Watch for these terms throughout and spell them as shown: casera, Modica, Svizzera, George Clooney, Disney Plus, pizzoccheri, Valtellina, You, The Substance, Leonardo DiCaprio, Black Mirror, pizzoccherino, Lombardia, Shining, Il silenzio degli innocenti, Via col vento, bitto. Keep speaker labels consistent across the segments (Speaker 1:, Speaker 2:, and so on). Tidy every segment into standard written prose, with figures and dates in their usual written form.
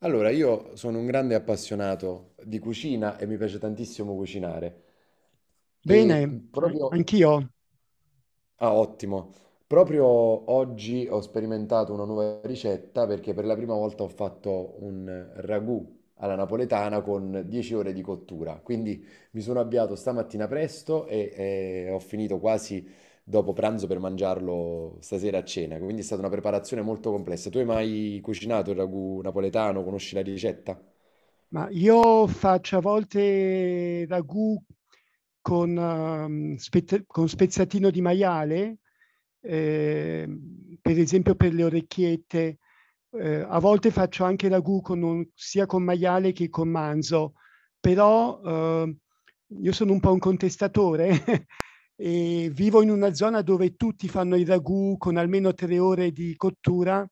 Speaker 1: Allora, io sono un grande appassionato di cucina e mi piace tantissimo cucinare. E
Speaker 2: Bene,
Speaker 1: proprio...
Speaker 2: anch'io,
Speaker 1: Ah, ottimo. Proprio oggi ho sperimentato una nuova ricetta perché per la prima volta ho fatto un ragù alla napoletana con 10 ore di cottura. Quindi mi sono avviato stamattina presto e ho finito quasi dopo pranzo per mangiarlo stasera a cena. Quindi è stata una preparazione molto complessa. Tu hai mai cucinato il ragù napoletano? Conosci la ricetta?
Speaker 2: ma io faccio a volte ragù con, con spezzatino di maiale, per esempio per le orecchiette. A volte faccio anche ragù con sia con maiale che con manzo, però io sono un po' un contestatore E vivo in una zona dove tutti fanno il ragù con almeno 3 ore di cottura,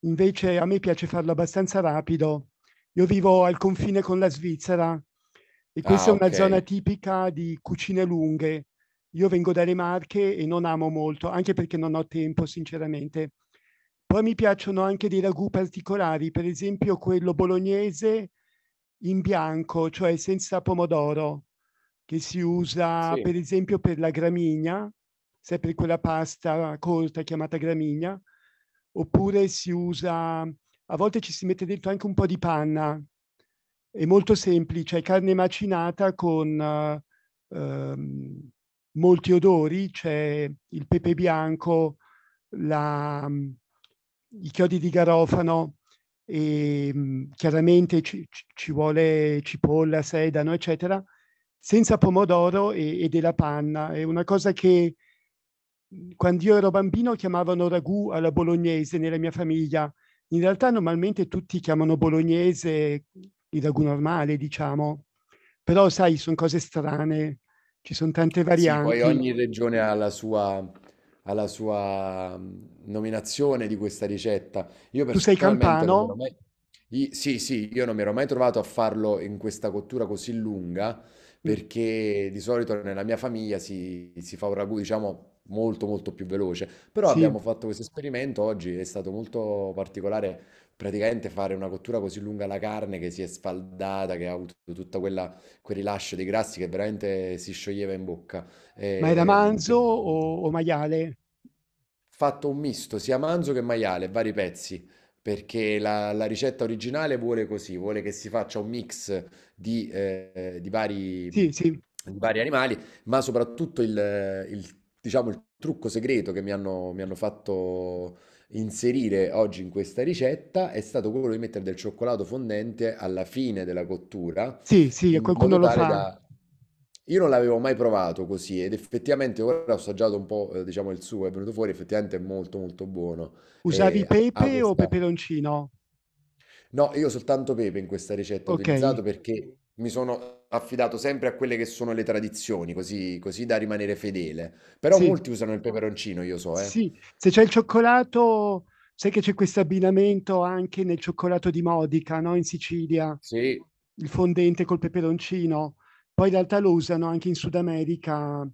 Speaker 2: invece a me piace farlo abbastanza rapido. Io vivo al confine con la Svizzera e questa
Speaker 1: Ah,
Speaker 2: è una zona
Speaker 1: okay.
Speaker 2: tipica di cucine lunghe. Io vengo dalle Marche e non amo molto, anche perché non ho tempo, sinceramente. Poi mi piacciono anche dei ragù particolari, per esempio quello bolognese in bianco, cioè senza pomodoro, che si usa
Speaker 1: Sì.
Speaker 2: per esempio per la gramigna, sempre quella pasta corta chiamata gramigna. Oppure si usa, a volte ci si mette dentro anche un po' di panna, è molto semplice, è carne macinata con ehm, molti odori: c'è il pepe bianco, la, i chiodi di garofano, e, chiaramente ci vuole cipolla, sedano, eccetera, senza pomodoro e della panna. È una cosa che, quando io ero bambino, chiamavano ragù alla bolognese nella mia famiglia. In realtà normalmente tutti chiamano bolognese il ragù normale, diciamo. Però sai, sono cose strane, ci sono tante
Speaker 1: Sì, poi
Speaker 2: varianti.
Speaker 1: ogni regione ha la sua nominazione di questa ricetta. Io
Speaker 2: Tu sei
Speaker 1: personalmente non
Speaker 2: campano?
Speaker 1: mi ero mai... I- Sì, sì, io non mi ero mai trovato a farlo in questa cottura così lunga,
Speaker 2: Mm,
Speaker 1: perché di solito nella mia famiglia si fa un ragù, diciamo, molto molto più veloce. Però
Speaker 2: sì.
Speaker 1: abbiamo fatto questo esperimento oggi, è stato molto particolare, praticamente fare una cottura così lunga alla carne che si è sfaldata, che ha avuto tutta quel rilascio dei grassi che veramente si scioglieva in bocca.
Speaker 2: Ma era
Speaker 1: Ehm,
Speaker 2: manzo
Speaker 1: per-
Speaker 2: o maiale?
Speaker 1: Fatto un misto sia manzo che maiale, vari pezzi, perché la ricetta originale vuole così, vuole che si faccia un mix
Speaker 2: Sì, sì,
Speaker 1: di vari animali, ma soprattutto diciamo, il trucco segreto che mi hanno fatto inserire oggi in questa ricetta è stato quello di mettere del cioccolato fondente alla fine della cottura
Speaker 2: sì, sì,
Speaker 1: in
Speaker 2: qualcuno
Speaker 1: modo
Speaker 2: lo
Speaker 1: tale
Speaker 2: fa.
Speaker 1: da... Io non l'avevo mai provato così ed effettivamente ora ho assaggiato un po', diciamo, il suo, è venuto fuori, effettivamente è molto molto buono.
Speaker 2: Usavi
Speaker 1: E ha
Speaker 2: pepe o
Speaker 1: questa...
Speaker 2: peperoncino?
Speaker 1: No, io soltanto pepe in questa ricetta ho utilizzato
Speaker 2: Okay,
Speaker 1: perché mi sono affidato sempre a quelle che sono le tradizioni, così, così da rimanere fedele. Però
Speaker 2: sì.
Speaker 1: molti usano il peperoncino, io so, eh.
Speaker 2: Sì, se c'è il cioccolato, sai che c'è questo abbinamento anche nel cioccolato di Modica, no, in Sicilia,
Speaker 1: Sì,
Speaker 2: il fondente col peperoncino. Poi in realtà lo usano anche in Sud America,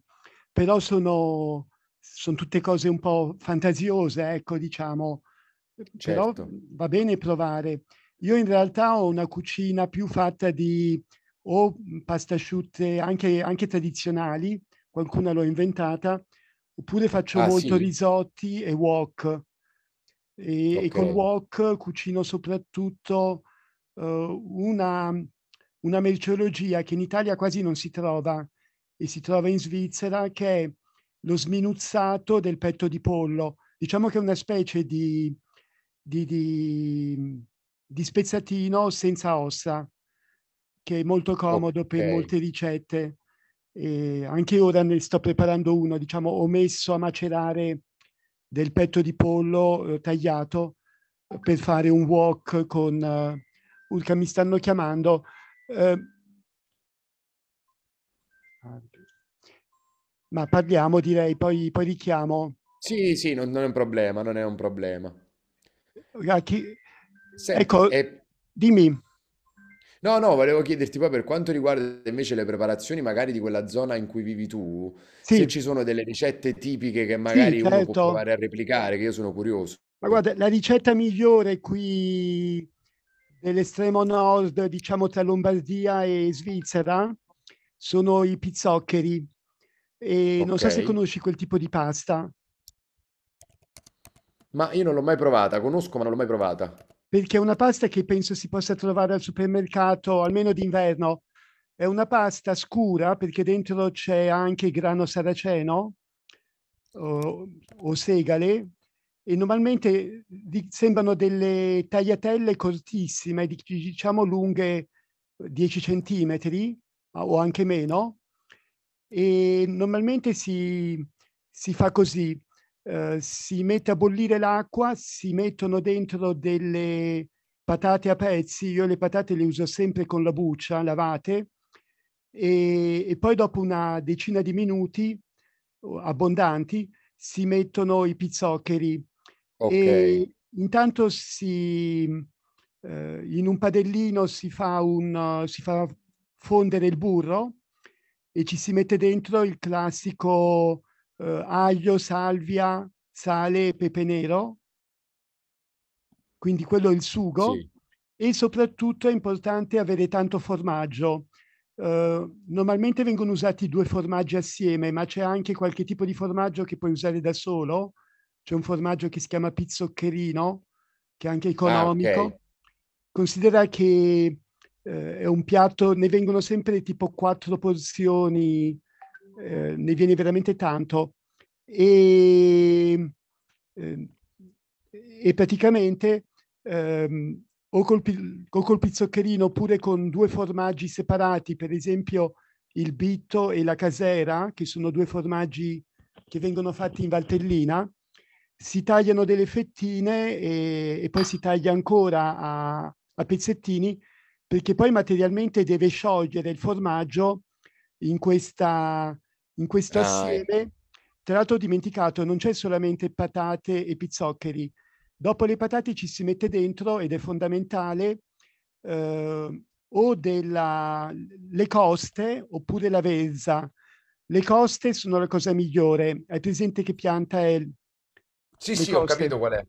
Speaker 2: però son tutte cose un po' fantasiose, ecco, diciamo. Però
Speaker 1: certo.
Speaker 2: va bene provare. Io in realtà ho una cucina più fatta di pasta asciutte, anche tradizionali, qualcuna l'ho inventata, oppure faccio
Speaker 1: Ah,
Speaker 2: molto
Speaker 1: sì?
Speaker 2: risotti e wok. E
Speaker 1: Ok,
Speaker 2: col wok cucino soprattutto eh, una, una merceologia che in Italia quasi non si trova e si trova in Svizzera, che è lo sminuzzato del petto di pollo. Diciamo che è una specie di, di, di spezzatino senza ossa, che è molto comodo
Speaker 1: ok.
Speaker 2: per molte ricette, e anche ora ne sto preparando uno, diciamo, ho messo a macerare del petto di pollo tagliato, per fare un wok con. Urca, mi stanno chiamando. eh, ma parliamo, direi, poi richiamo.
Speaker 1: Sì, sì, non è un problema, non è un problema.
Speaker 2: Ra- chi-
Speaker 1: Senti,
Speaker 2: Ecco,
Speaker 1: e
Speaker 2: dimmi.
Speaker 1: no, no, volevo chiederti poi per quanto riguarda invece le preparazioni magari di quella zona in cui vivi tu, se
Speaker 2: Sì,
Speaker 1: ci sono delle ricette tipiche che
Speaker 2: sì,
Speaker 1: magari uno può
Speaker 2: certo.
Speaker 1: provare a replicare, che io sono curioso.
Speaker 2: Ma guarda, la ricetta migliore qui, dell'estremo nord, diciamo tra Lombardia e Svizzera, sono i pizzoccheri. E non
Speaker 1: Ok.
Speaker 2: so se conosci quel tipo di pasta.
Speaker 1: Ma io non l'ho mai provata, conosco ma non l'ho mai provata.
Speaker 2: Perché è una pasta che penso si possa trovare al supermercato, almeno d'inverno. È una pasta scura perché dentro c'è anche grano saraceno o, o segale, e normalmente sembrano delle tagliatelle cortissime, diciamo lunghe 10 centimetri o anche meno. E normalmente si fa così, si mette a bollire l'acqua, si mettono dentro delle patate a pezzi, io le patate le uso sempre con la buccia, lavate, e poi, dopo una decina di minuti abbondanti, si mettono i pizzoccheri.
Speaker 1: Ok,
Speaker 2: E intanto in un padellino si fa fondere il burro, e ci si mette dentro il classico, aglio, salvia, sale e pepe nero, quindi quello è il sugo.
Speaker 1: sì.
Speaker 2: E soprattutto è importante avere tanto formaggio. Normalmente vengono usati 2 formaggi assieme, ma c'è anche qualche tipo di formaggio che puoi usare da solo. C'è un formaggio che si chiama pizzoccherino, che è anche
Speaker 1: Ah, ok.
Speaker 2: economico. Considera che, è un piatto, ne vengono sempre tipo 4 porzioni, ne viene veramente tanto. Ehm, ehm, e praticamente, ehm, o col pizzoccherino, oppure con due formaggi separati, per esempio il bitto e la casera, che sono due formaggi che vengono fatti in Valtellina, si tagliano delle fettine e poi si taglia ancora a pezzettini, perché poi materialmente deve sciogliere il formaggio in, in questo
Speaker 1: Ah,
Speaker 2: assieme.
Speaker 1: ecco.
Speaker 2: Tra l'altro ho dimenticato, non c'è solamente patate e pizzoccheri. Dopo le patate ci si mette dentro, ed è fondamentale, eh, o della, le coste oppure l'avezza. Le coste sono la cosa migliore. Hai presente che pianta è
Speaker 1: Sì,
Speaker 2: le
Speaker 1: sì, ho
Speaker 2: coste?
Speaker 1: capito qual è.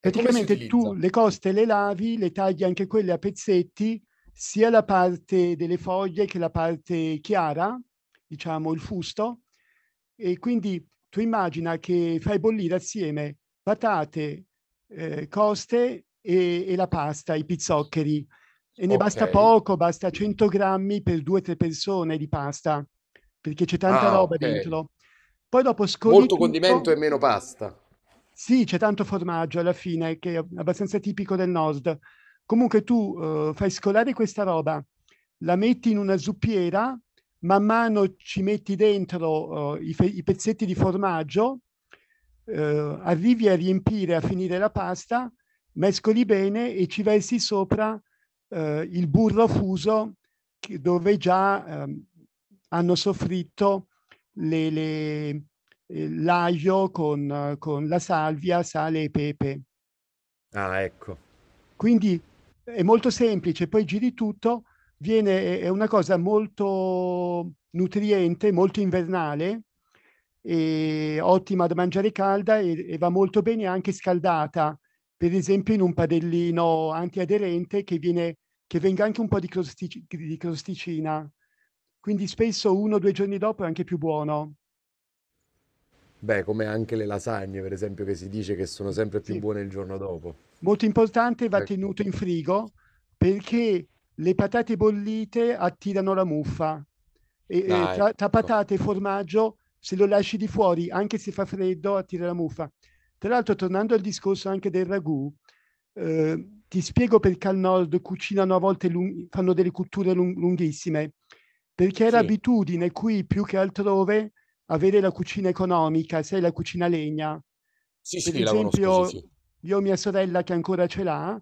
Speaker 1: E come si
Speaker 2: Praticamente tu
Speaker 1: utilizza?
Speaker 2: le coste le lavi, le tagli anche quelle a pezzetti, sia la parte delle foglie che la parte chiara, diciamo il fusto. E quindi tu immagina che fai bollire assieme patate, coste e la pasta, i pizzoccheri. E ne
Speaker 1: Ok.
Speaker 2: basta poco, basta 100 grammi per due o tre persone di pasta, perché c'è tanta
Speaker 1: Ah,
Speaker 2: roba
Speaker 1: ok.
Speaker 2: dentro. Poi dopo scoli
Speaker 1: Molto condimento
Speaker 2: tutto,
Speaker 1: e meno pasta.
Speaker 2: sì, c'è tanto formaggio alla fine, che è abbastanza tipico del Nord. Comunque tu, fai scolare questa roba, la metti in una zuppiera, man mano ci metti dentro, i pezzetti di formaggio, arrivi a riempire, a finire la pasta, mescoli bene e ci versi sopra il burro fuso, che dove già, hanno soffritto le l'aglio con la salvia, sale e pepe.
Speaker 1: Ah, ecco.
Speaker 2: Quindi è molto semplice, poi giri tutto, è una cosa molto nutriente, molto invernale, e ottima da mangiare calda, e va molto bene anche scaldata, per esempio in un padellino antiaderente, che venga anche un po' di crosticina. Quindi spesso uno o due giorni dopo è anche più buono.
Speaker 1: Beh, come anche le lasagne, per esempio, che si dice che sono sempre più
Speaker 2: Sì.
Speaker 1: buone il giorno dopo.
Speaker 2: Molto importante, va
Speaker 1: Ecco.
Speaker 2: tenuto in frigo, perché le patate bollite attirano la muffa, e
Speaker 1: Ah,
Speaker 2: tra
Speaker 1: ecco.
Speaker 2: patate e formaggio, se lo lasci di fuori, anche se fa freddo, attira la muffa. Tra l'altro, tornando al discorso anche del ragù, ti spiego perché al nord cucinano a volte, fanno delle cotture lunghissime, perché è
Speaker 1: Sì,
Speaker 2: l'abitudine qui, più che altrove, avere la cucina economica, sai, la cucina a legna.
Speaker 1: sì,
Speaker 2: Per
Speaker 1: sì, la conosco, sì,
Speaker 2: esempio,
Speaker 1: sì.
Speaker 2: io ho mia sorella che ancora ce l'ha.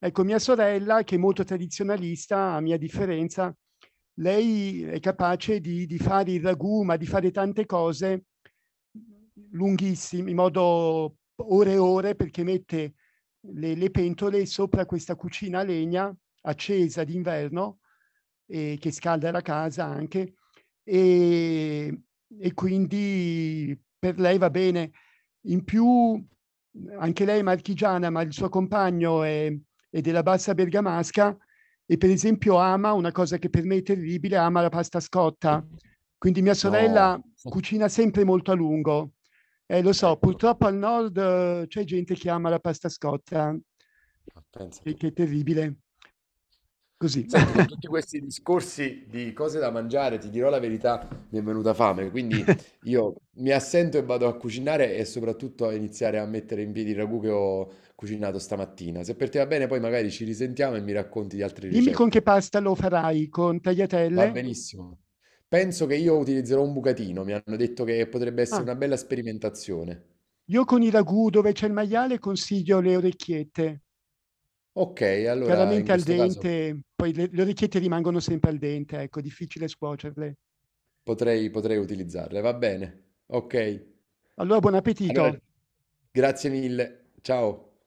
Speaker 2: Ecco, mia sorella, che è molto tradizionalista, a mia differenza, lei è capace di fare il ragù, ma di fare tante cose lunghissime, in modo, ore e ore, perché mette le pentole sopra questa cucina a legna accesa d'inverno, che scalda la casa anche, e, e quindi per lei va bene. In più, anche lei è marchigiana, ma il suo compagno è della bassa bergamasca, e per esempio ama una cosa che per me è terribile: ama la pasta scotta. Quindi mia sorella
Speaker 1: No.
Speaker 2: cucina sempre molto a lungo. Lo so,
Speaker 1: Ecco,
Speaker 2: purtroppo al nord c'è gente che ama la pasta scotta,
Speaker 1: ma pensa
Speaker 2: che,
Speaker 1: tu.
Speaker 2: che è terribile. Così.
Speaker 1: Senti, con tutti questi discorsi di cose da mangiare, ti dirò la verità, mi è venuta fame, quindi io mi assento e vado a cucinare e soprattutto a iniziare a mettere in piedi il ragù che ho cucinato stamattina. Se per te va bene, poi magari ci risentiamo e mi racconti di altre
Speaker 2: Dimmi con che
Speaker 1: ricette.
Speaker 2: pasta lo farai, con
Speaker 1: Va
Speaker 2: tagliatelle?
Speaker 1: benissimo. Penso che io utilizzerò un bucatino, mi hanno detto che potrebbe essere
Speaker 2: Ah,
Speaker 1: una bella sperimentazione.
Speaker 2: io con i ragù dove c'è il maiale consiglio le orecchiette.
Speaker 1: Ok, allora
Speaker 2: Chiaramente
Speaker 1: in
Speaker 2: al
Speaker 1: questo caso
Speaker 2: dente, poi le orecchiette rimangono sempre al dente, ecco, difficile scuocerle.
Speaker 1: potrei utilizzarle, va bene. Ok,
Speaker 2: Allora buon
Speaker 1: allora
Speaker 2: appetito.
Speaker 1: grazie mille, ciao.